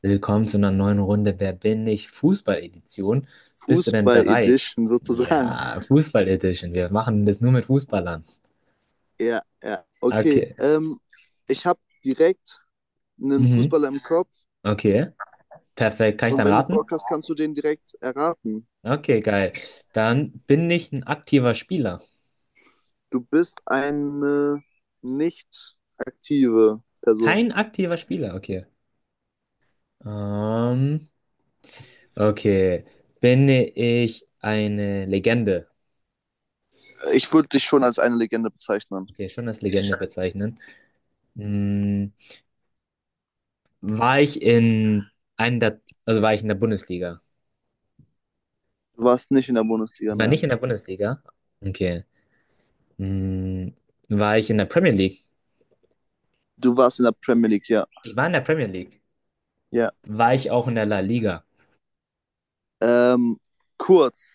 Willkommen zu einer neuen Runde Wer bin ich? Fußball-Edition. Bist du denn bereit? Fußball-Edition sozusagen. Ja, Fußball-Edition. Wir machen das nur mit Fußballern. Ja. Okay, Okay. Ich habe direkt einen Mhm. Fußballer im Kopf Okay. Perfekt. Kann ich und dann wenn du Bock raten? hast, kannst du den direkt erraten. Okay, geil. Dann bin ich ein aktiver Spieler. Du bist eine nicht aktive Person. Kein aktiver Spieler. Okay. Ähm, okay. Bin ich eine Legende? Ich würde dich schon als eine Legende bezeichnen. Okay, schon als Legende bezeichnen. Hm, war ich in einem der, also war ich in der Bundesliga? Du warst nicht in der Bundesliga, Ich war nicht nein. in der Bundesliga. Okay. Hm, war ich in der Premier League? Du warst in der Premier League, ja. Ich war in der Premier League. Ja. War ich auch in der La Liga? Ähm, Kurz.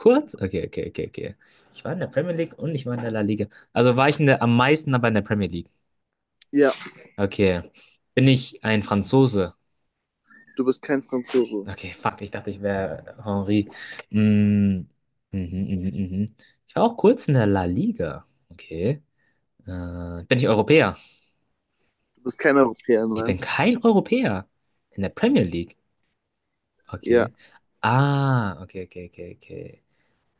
Kurz? Okay, okay, okay, okay. Ich war in der Premier League und ich war in der La Liga. Also war ich in der, Am meisten aber in der Premier League. Ja, Okay. Bin ich ein Franzose? du bist kein Franzose. Okay, fuck, ich dachte, ich wäre Henri. Hm, Mhm, mhm, mhm. mhm. Ich war auch kurz in der La Liga. Okay. Bin ich Europäer? Du bist kein Europäer, Ich nein. bin kein Europäer in der Premier League. Ja. Okay. Ah, okay, okay, okay, okay.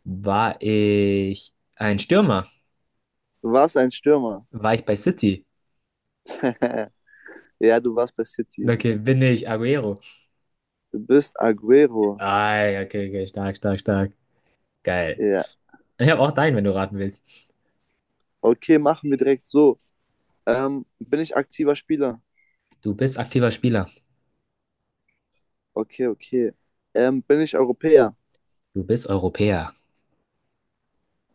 War ich ein Stürmer? Du warst ein Stürmer. War ich bei City? Ja, du warst bei City. Okay, bin ich Aguero. Du bist Agüero. Ah, ja, okay, okay, stark, stark, stark. Geil. Ja. Ich habe auch deinen, wenn du raten willst. Okay, machen wir direkt so. Bin ich aktiver Spieler? Du bist aktiver Spieler. Okay, okay. Bin ich Europäer? Du bist Europäer.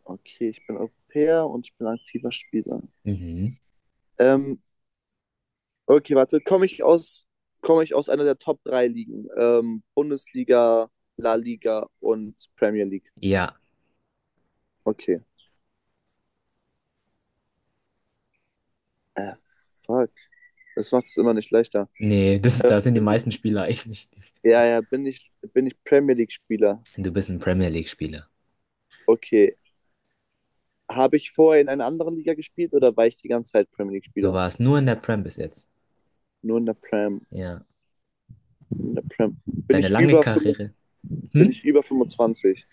Okay, ich bin Europäer und ich bin aktiver Spieler. Mhm. Ähm, okay, warte. Komme ich aus einer der Top 3 Ligen? Bundesliga, La Liga und Premier League. Ja. Okay. Äh, Fuck. Das macht es immer nicht leichter. Nee, das, Äh, da sind die bin ich, meisten Spieler eigentlich. Bin ich Premier League-Spieler? Du bist ein Premier League-Spieler. Okay. Habe ich vorher in einer anderen Liga gespielt oder war ich die ganze Zeit Premier Du League-Spieler? warst nur in der Prem bis jetzt. Nur in der Prem. Ja. In der Prem. Bin, Deine ich lange über Karriere. 25, Bin Hm? ich über 25?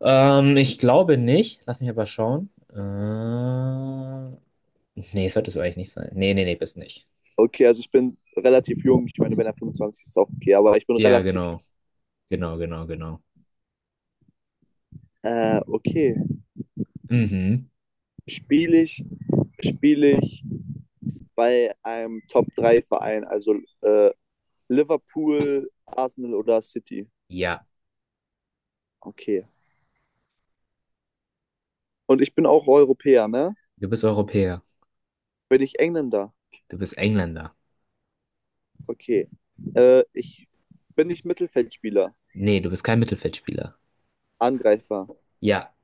Ich glaube nicht. Lass mich aber schauen. Nee, sollte so eigentlich nicht sein. Nee, nee, nee, bist nicht. Okay, also ich bin relativ jung. Ich meine, wenn er 25 ist, ist auch okay, aber ich bin Ja, relativ genau. jung. Genau, genau, genau. Okay, Mhm. spiele ich, spiele ich bei einem top drei verein, also äh, Liverpool, Arsenal oder City. Ja. Okay. Und ich bin auch Europäer, ne? Du bist Europäer. Bin ich Engländer? Du bist Engländer. Okay. Ich Bin ich Mittelfeldspieler? Nee, du bist kein Mittelfeldspieler. Angreifer. Ja.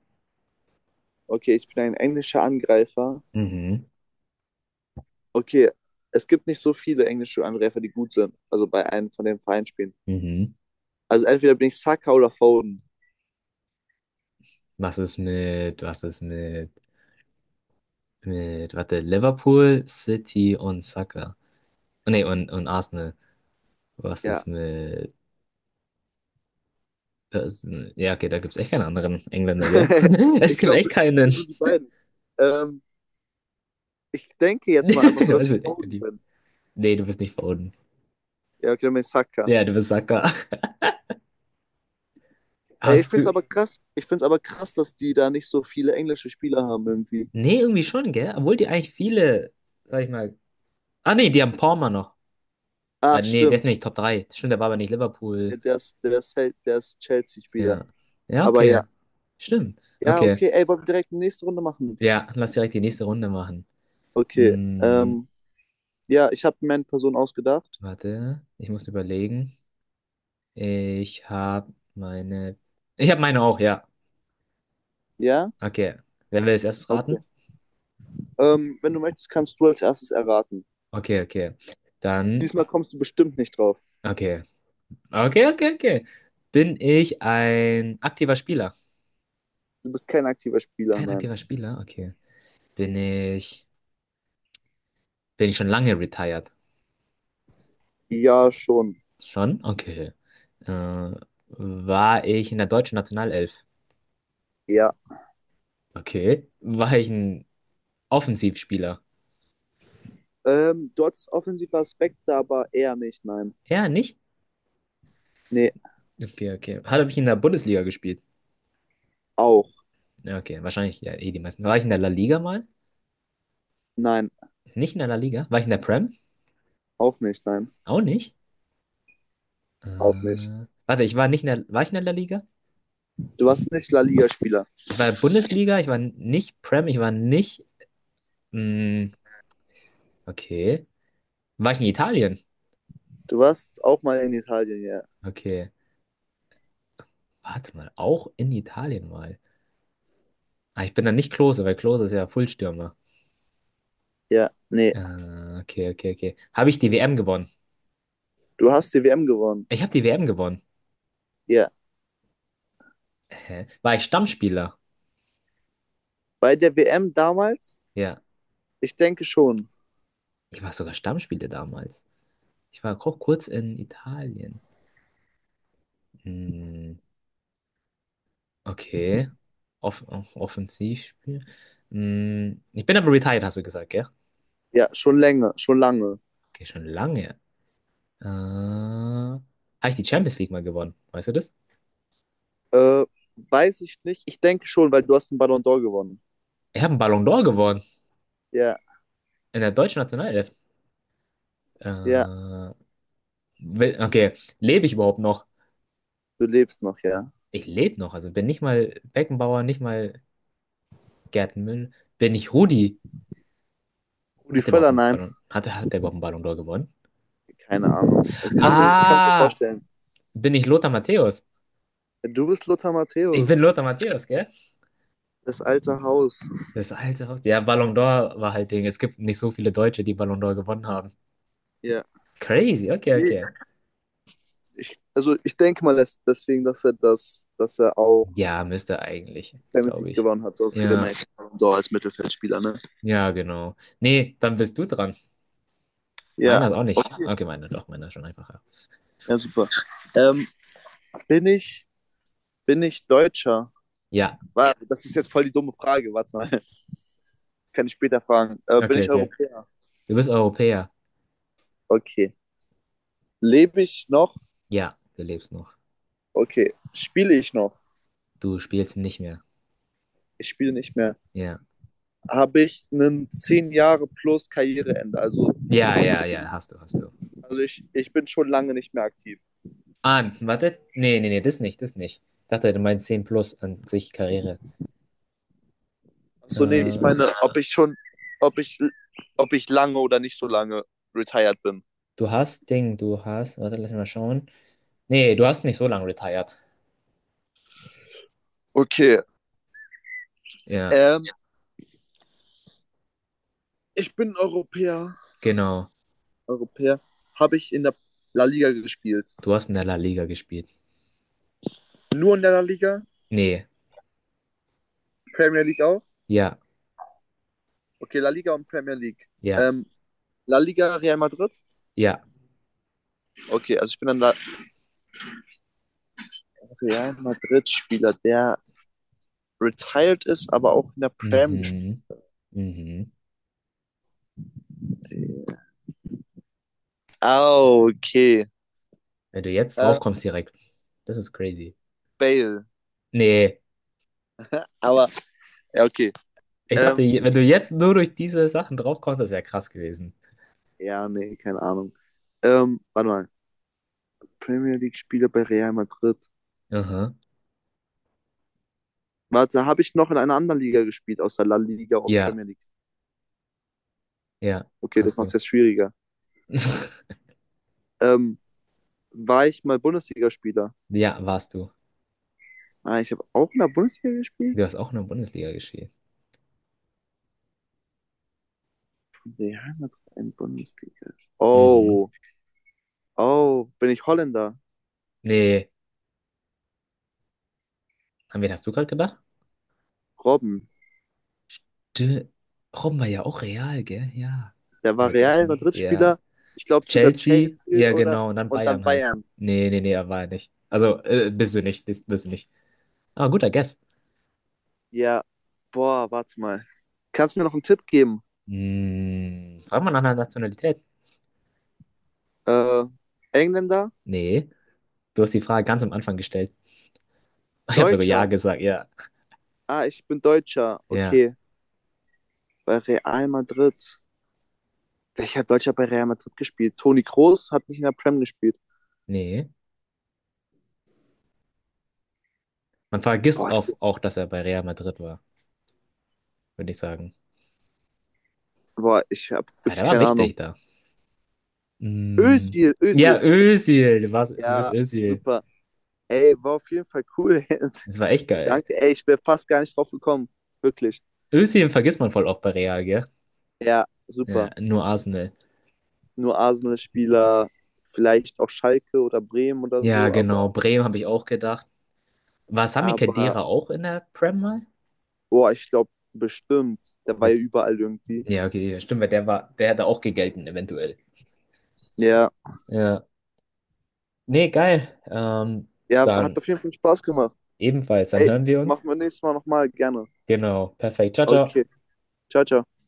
Okay, ich bin ein englischer Angreifer. Mhm. Okay, es gibt nicht so viele englische Angreifer, die gut sind. Also bei einem von den Vereinen spielen. Mhm. Also entweder bin ich Saka oder Foden. Was ist mit, warte, Liverpool, City und Saka. Nee, und Arsenal. Was ist Ja. mit, das, ja, okay, da gibt's echt keinen anderen Engländer, gell? Es Ich gibt glaube, echt das keinen. sind nur die beiden. Ähm, Ich denke jetzt mal einfach so, dass Also, ich nee, Foden bin. nee, du bist nicht verunten. Ja, okay, dann bin ich Saka. Ja, du bist Sacker. Ey, ich Hast find's du. aber krass. Ich find's aber krass, dass die da nicht so viele englische Spieler haben irgendwie. Nee, irgendwie schon, gell? Obwohl die eigentlich viele, sag ich mal. Ah, nee, die haben Palmer noch. Ah, Ach, nee, der ist stimmt. nicht Top 3. Stimmt, der war aber nicht Ja, Liverpool. Der ist Chelsea-Spieler. Ja. Ja, Aber okay. ja. Stimmt. Ja, Okay. okay. Ey, wollen wir direkt die nächste Runde machen? Ja, lass direkt die nächste Runde machen. Okay. Hm, Ja, ich habe mir eine Person ausgedacht. warte. Ich muss überlegen. Ich habe meine. Ich habe meine auch, ja. Ja? Okay. Wer will es erst Okay. raten? Wenn du möchtest, kannst du als erstes erraten. Okay, okay. Dann. Diesmal kommst du bestimmt nicht drauf. Okay. Okay, okay, okay. Bin ich ein aktiver Spieler? Du bist kein aktiver Spieler, Kein nein. aktiver Spieler? Okay. Bin ich, bin ich schon lange retired? Ja, schon. Schon? Okay. Äh, war ich in der deutschen Nationalelf? Ja. Okay. War ich ein Offensivspieler? Du hattest offensive Aspekte, aber eher nicht, nein. Ja, nicht? Nee, Okay, okay. Habe ich in der Bundesliga gespielt? auch. Ja, okay, wahrscheinlich ja, eh die meisten. War ich in der La Liga mal? Nein, Nicht in der La Liga? War ich in der Prem? auch nicht, nein. Auch nicht. Äh, Auch nicht. warte, ich war nicht in der, war ich in der La Liga? Du warst nicht La Liga-Spieler. Ich war in der Bundesliga, ich war nicht Prem, ich war nicht Mm, okay. War ich in Italien? Du warst auch mal in Italien, ja. Okay. Warte mal, auch in Italien mal. Ah, ich bin dann nicht Klose, weil Klose ist ja Fullstürmer. Ja, nee. Äh, okay, okay, okay. Habe ich die WM gewonnen? Du hast die WM gewonnen. Ich habe die WM gewonnen. Ja. Hä? War ich Stammspieler? Bei der WM damals? Ja. Ich denke schon. Ich war sogar Stammspieler damals. Kurz in Italien. Mm, okay. Offensivspiel. Mm, ich bin aber retired, hast du gesagt, gell? Ja, schon länger, schon lange. Okay, schon lange. Habe ich die Champions League mal gewonnen? Weißt du das? Äh, Weiß ich nicht. Ich denke schon, weil du hast den Ballon d'Or gewonnen. Ich habe einen Ballon d'Or gewonnen Ja, in der deutschen Nationalelf. ja, Äh, okay, lebe ich überhaupt noch? du lebst noch, ja. Ich lebe noch, also bin nicht mal Beckenbauer, nicht mal Gerd Müller, bin ich Rudi. Rudi Hat der überhaupt Völler, einen nein. Ballon, hat, hat der überhaupt einen Ballon d'Or gewonnen? Keine Ahnung. Ich kann es mir Ah, vorstellen. bin ich Lothar Matthäus? Du bist Lothar Ich bin Matthäus, Lothar Matthäus, gell? das alte Haus. Das alte Haus. Ja, Ballon d'Or war halt Ding. Es gibt nicht so viele Deutsche, die Ballon d'Or gewonnen haben. Ja. Crazy, okay, okay. Also ich denke mal, deswegen dass er das, dass er auch Ja, müsste eigentlich, Champions glaube League ich. gewonnen hat, sonst gewinnt man Ja, ja keinen Ballon d'Or als Mittelfeldspieler, ne? ja, genau. Nee, dann bist du dran. Ja. Meiner ist auch nicht. Okay. Okay, meiner doch, meiner ist schon einfacher. Ja, super. Ähm, bin ich, Bin ich Deutscher? Ja, Warte, das ist jetzt voll die dumme Frage, warte mal. Kann ich später fragen. Bin okay, ich okay. Europäer? Du bist Europäer. Okay. Lebe ich noch? Ja, du lebst noch. Okay. Spiele ich noch? Du spielst nicht mehr. Ich spiele nicht mehr. Ja. Habe ich einen 10 Jahre plus Karriereende? Also, Ja, ja, ja, hast du, hast du. Ich bin schon lange nicht mehr aktiv. Ah, warte. Nee, nee, nee, das nicht, das nicht. Ich dachte, du meinst 10 plus an sich Karriere. Achso, nee, ich Äh, meine, ob ich schon, ob ich, ob ich lange oder nicht so lange retired bin. du hast Ding, du hast. Warte, lass mich mal schauen. Nee, du hast nicht so lange retired. Okay. Ja, Ähm, Ich bin Europäer. genau. Europäer. Habe ich in der La Liga gespielt? Du hast in der La Liga gespielt. Nur in der La Liga? Nee. Premier League auch? Ja, Okay, La Liga und Premier League. ja, Ähm, La Liga, Real Madrid? ja. Okay, also ich bin ein Real Madrid-Spieler, der retired ist, aber auch in der Prem gespielt Mhm, mhm. hat. Ah, okay. Wenn du jetzt drauf Äh, kommst direkt. Das ist crazy. Bale. Nee, Aber, ja, okay. ich dachte, Ähm, wenn du jetzt nur durch diese Sachen draufkommst, das wäre krass gewesen. ja, nee, keine Ahnung. Warte mal. Premier League-Spieler bei Real Madrid. Aha. Warte, habe ich noch in einer anderen Liga gespielt, außer La Liga und Ja, Premier League? ja, Okay, das hast macht du. es jetzt schwieriger. Ähm, War ich mal Bundesligaspieler? Ja, warst du. Ah, ich habe auch in der Bundesliga gespielt? Du hast auch in der Bundesliga gespielt. Real Madrid in Bundesliga. Mhm. Oh, oh, bin ich Holländer? Nee, an wen hast du gerade gedacht? Robben. De Robben war ja auch Real, gell? Ja. Der Hab war Real vergessen. Ja. Madrid-Spieler, ich glaube sogar Chelsea? Chelsea Ja, oder genau. Und dann und dann Bayern halt. Bayern. Nee, nee, nee, er war ja nicht. Also, bist du nicht. Bist du nicht. Aber guter Guess. Ja, boah, warte mal. Kannst du mir noch einen Tipp geben? Hm, fragt man nach einer Nationalität? Äh, Engländer? Nee. Du hast die Frage ganz am Anfang gestellt. Ich habe sogar ja Deutscher? gesagt, ja. Ah, ich bin Deutscher. Ja, Okay, bei Real Madrid. Welcher Deutscher hat bei Real Madrid gespielt? Toni Kroos hat nicht in der Prem gespielt. nee. Boah, ich- Auch, dass er bei Real Madrid war, würde ich sagen. Boah, ich habe Ah, wirklich der war keine Ahnung. wichtig da. Mm. Ja, Özil. Es, Özil, du bist ja, Özil. super. Ey, war auf jeden Fall cool. Das war echt geil. Danke. Ey, ich wäre fast gar nicht drauf gekommen. Wirklich. Özil vergisst man voll oft bei Real, gell? Ja, Ja, super. nur Arsenal. Nur Arsenal-Spieler, vielleicht auch Schalke oder Bremen oder Ja, so, genau. Bremen habe ich auch gedacht. War Sami aber Khedira auch in der Prem mal? boah, ich glaube bestimmt, der war ja Mit- überall irgendwie. Ja, okay, ja, stimmt, der hätte auch gegelten, eventuell. Ja, Ja. Nee, geil. Ja, hat Dann auf jeden Fall Spaß gemacht. ebenfalls, dann Ey, hören wir uns. machen wir nächstes Mal nochmal, gerne. Genau, perfekt. Ciao, ciao. Okay, ciao, ciao.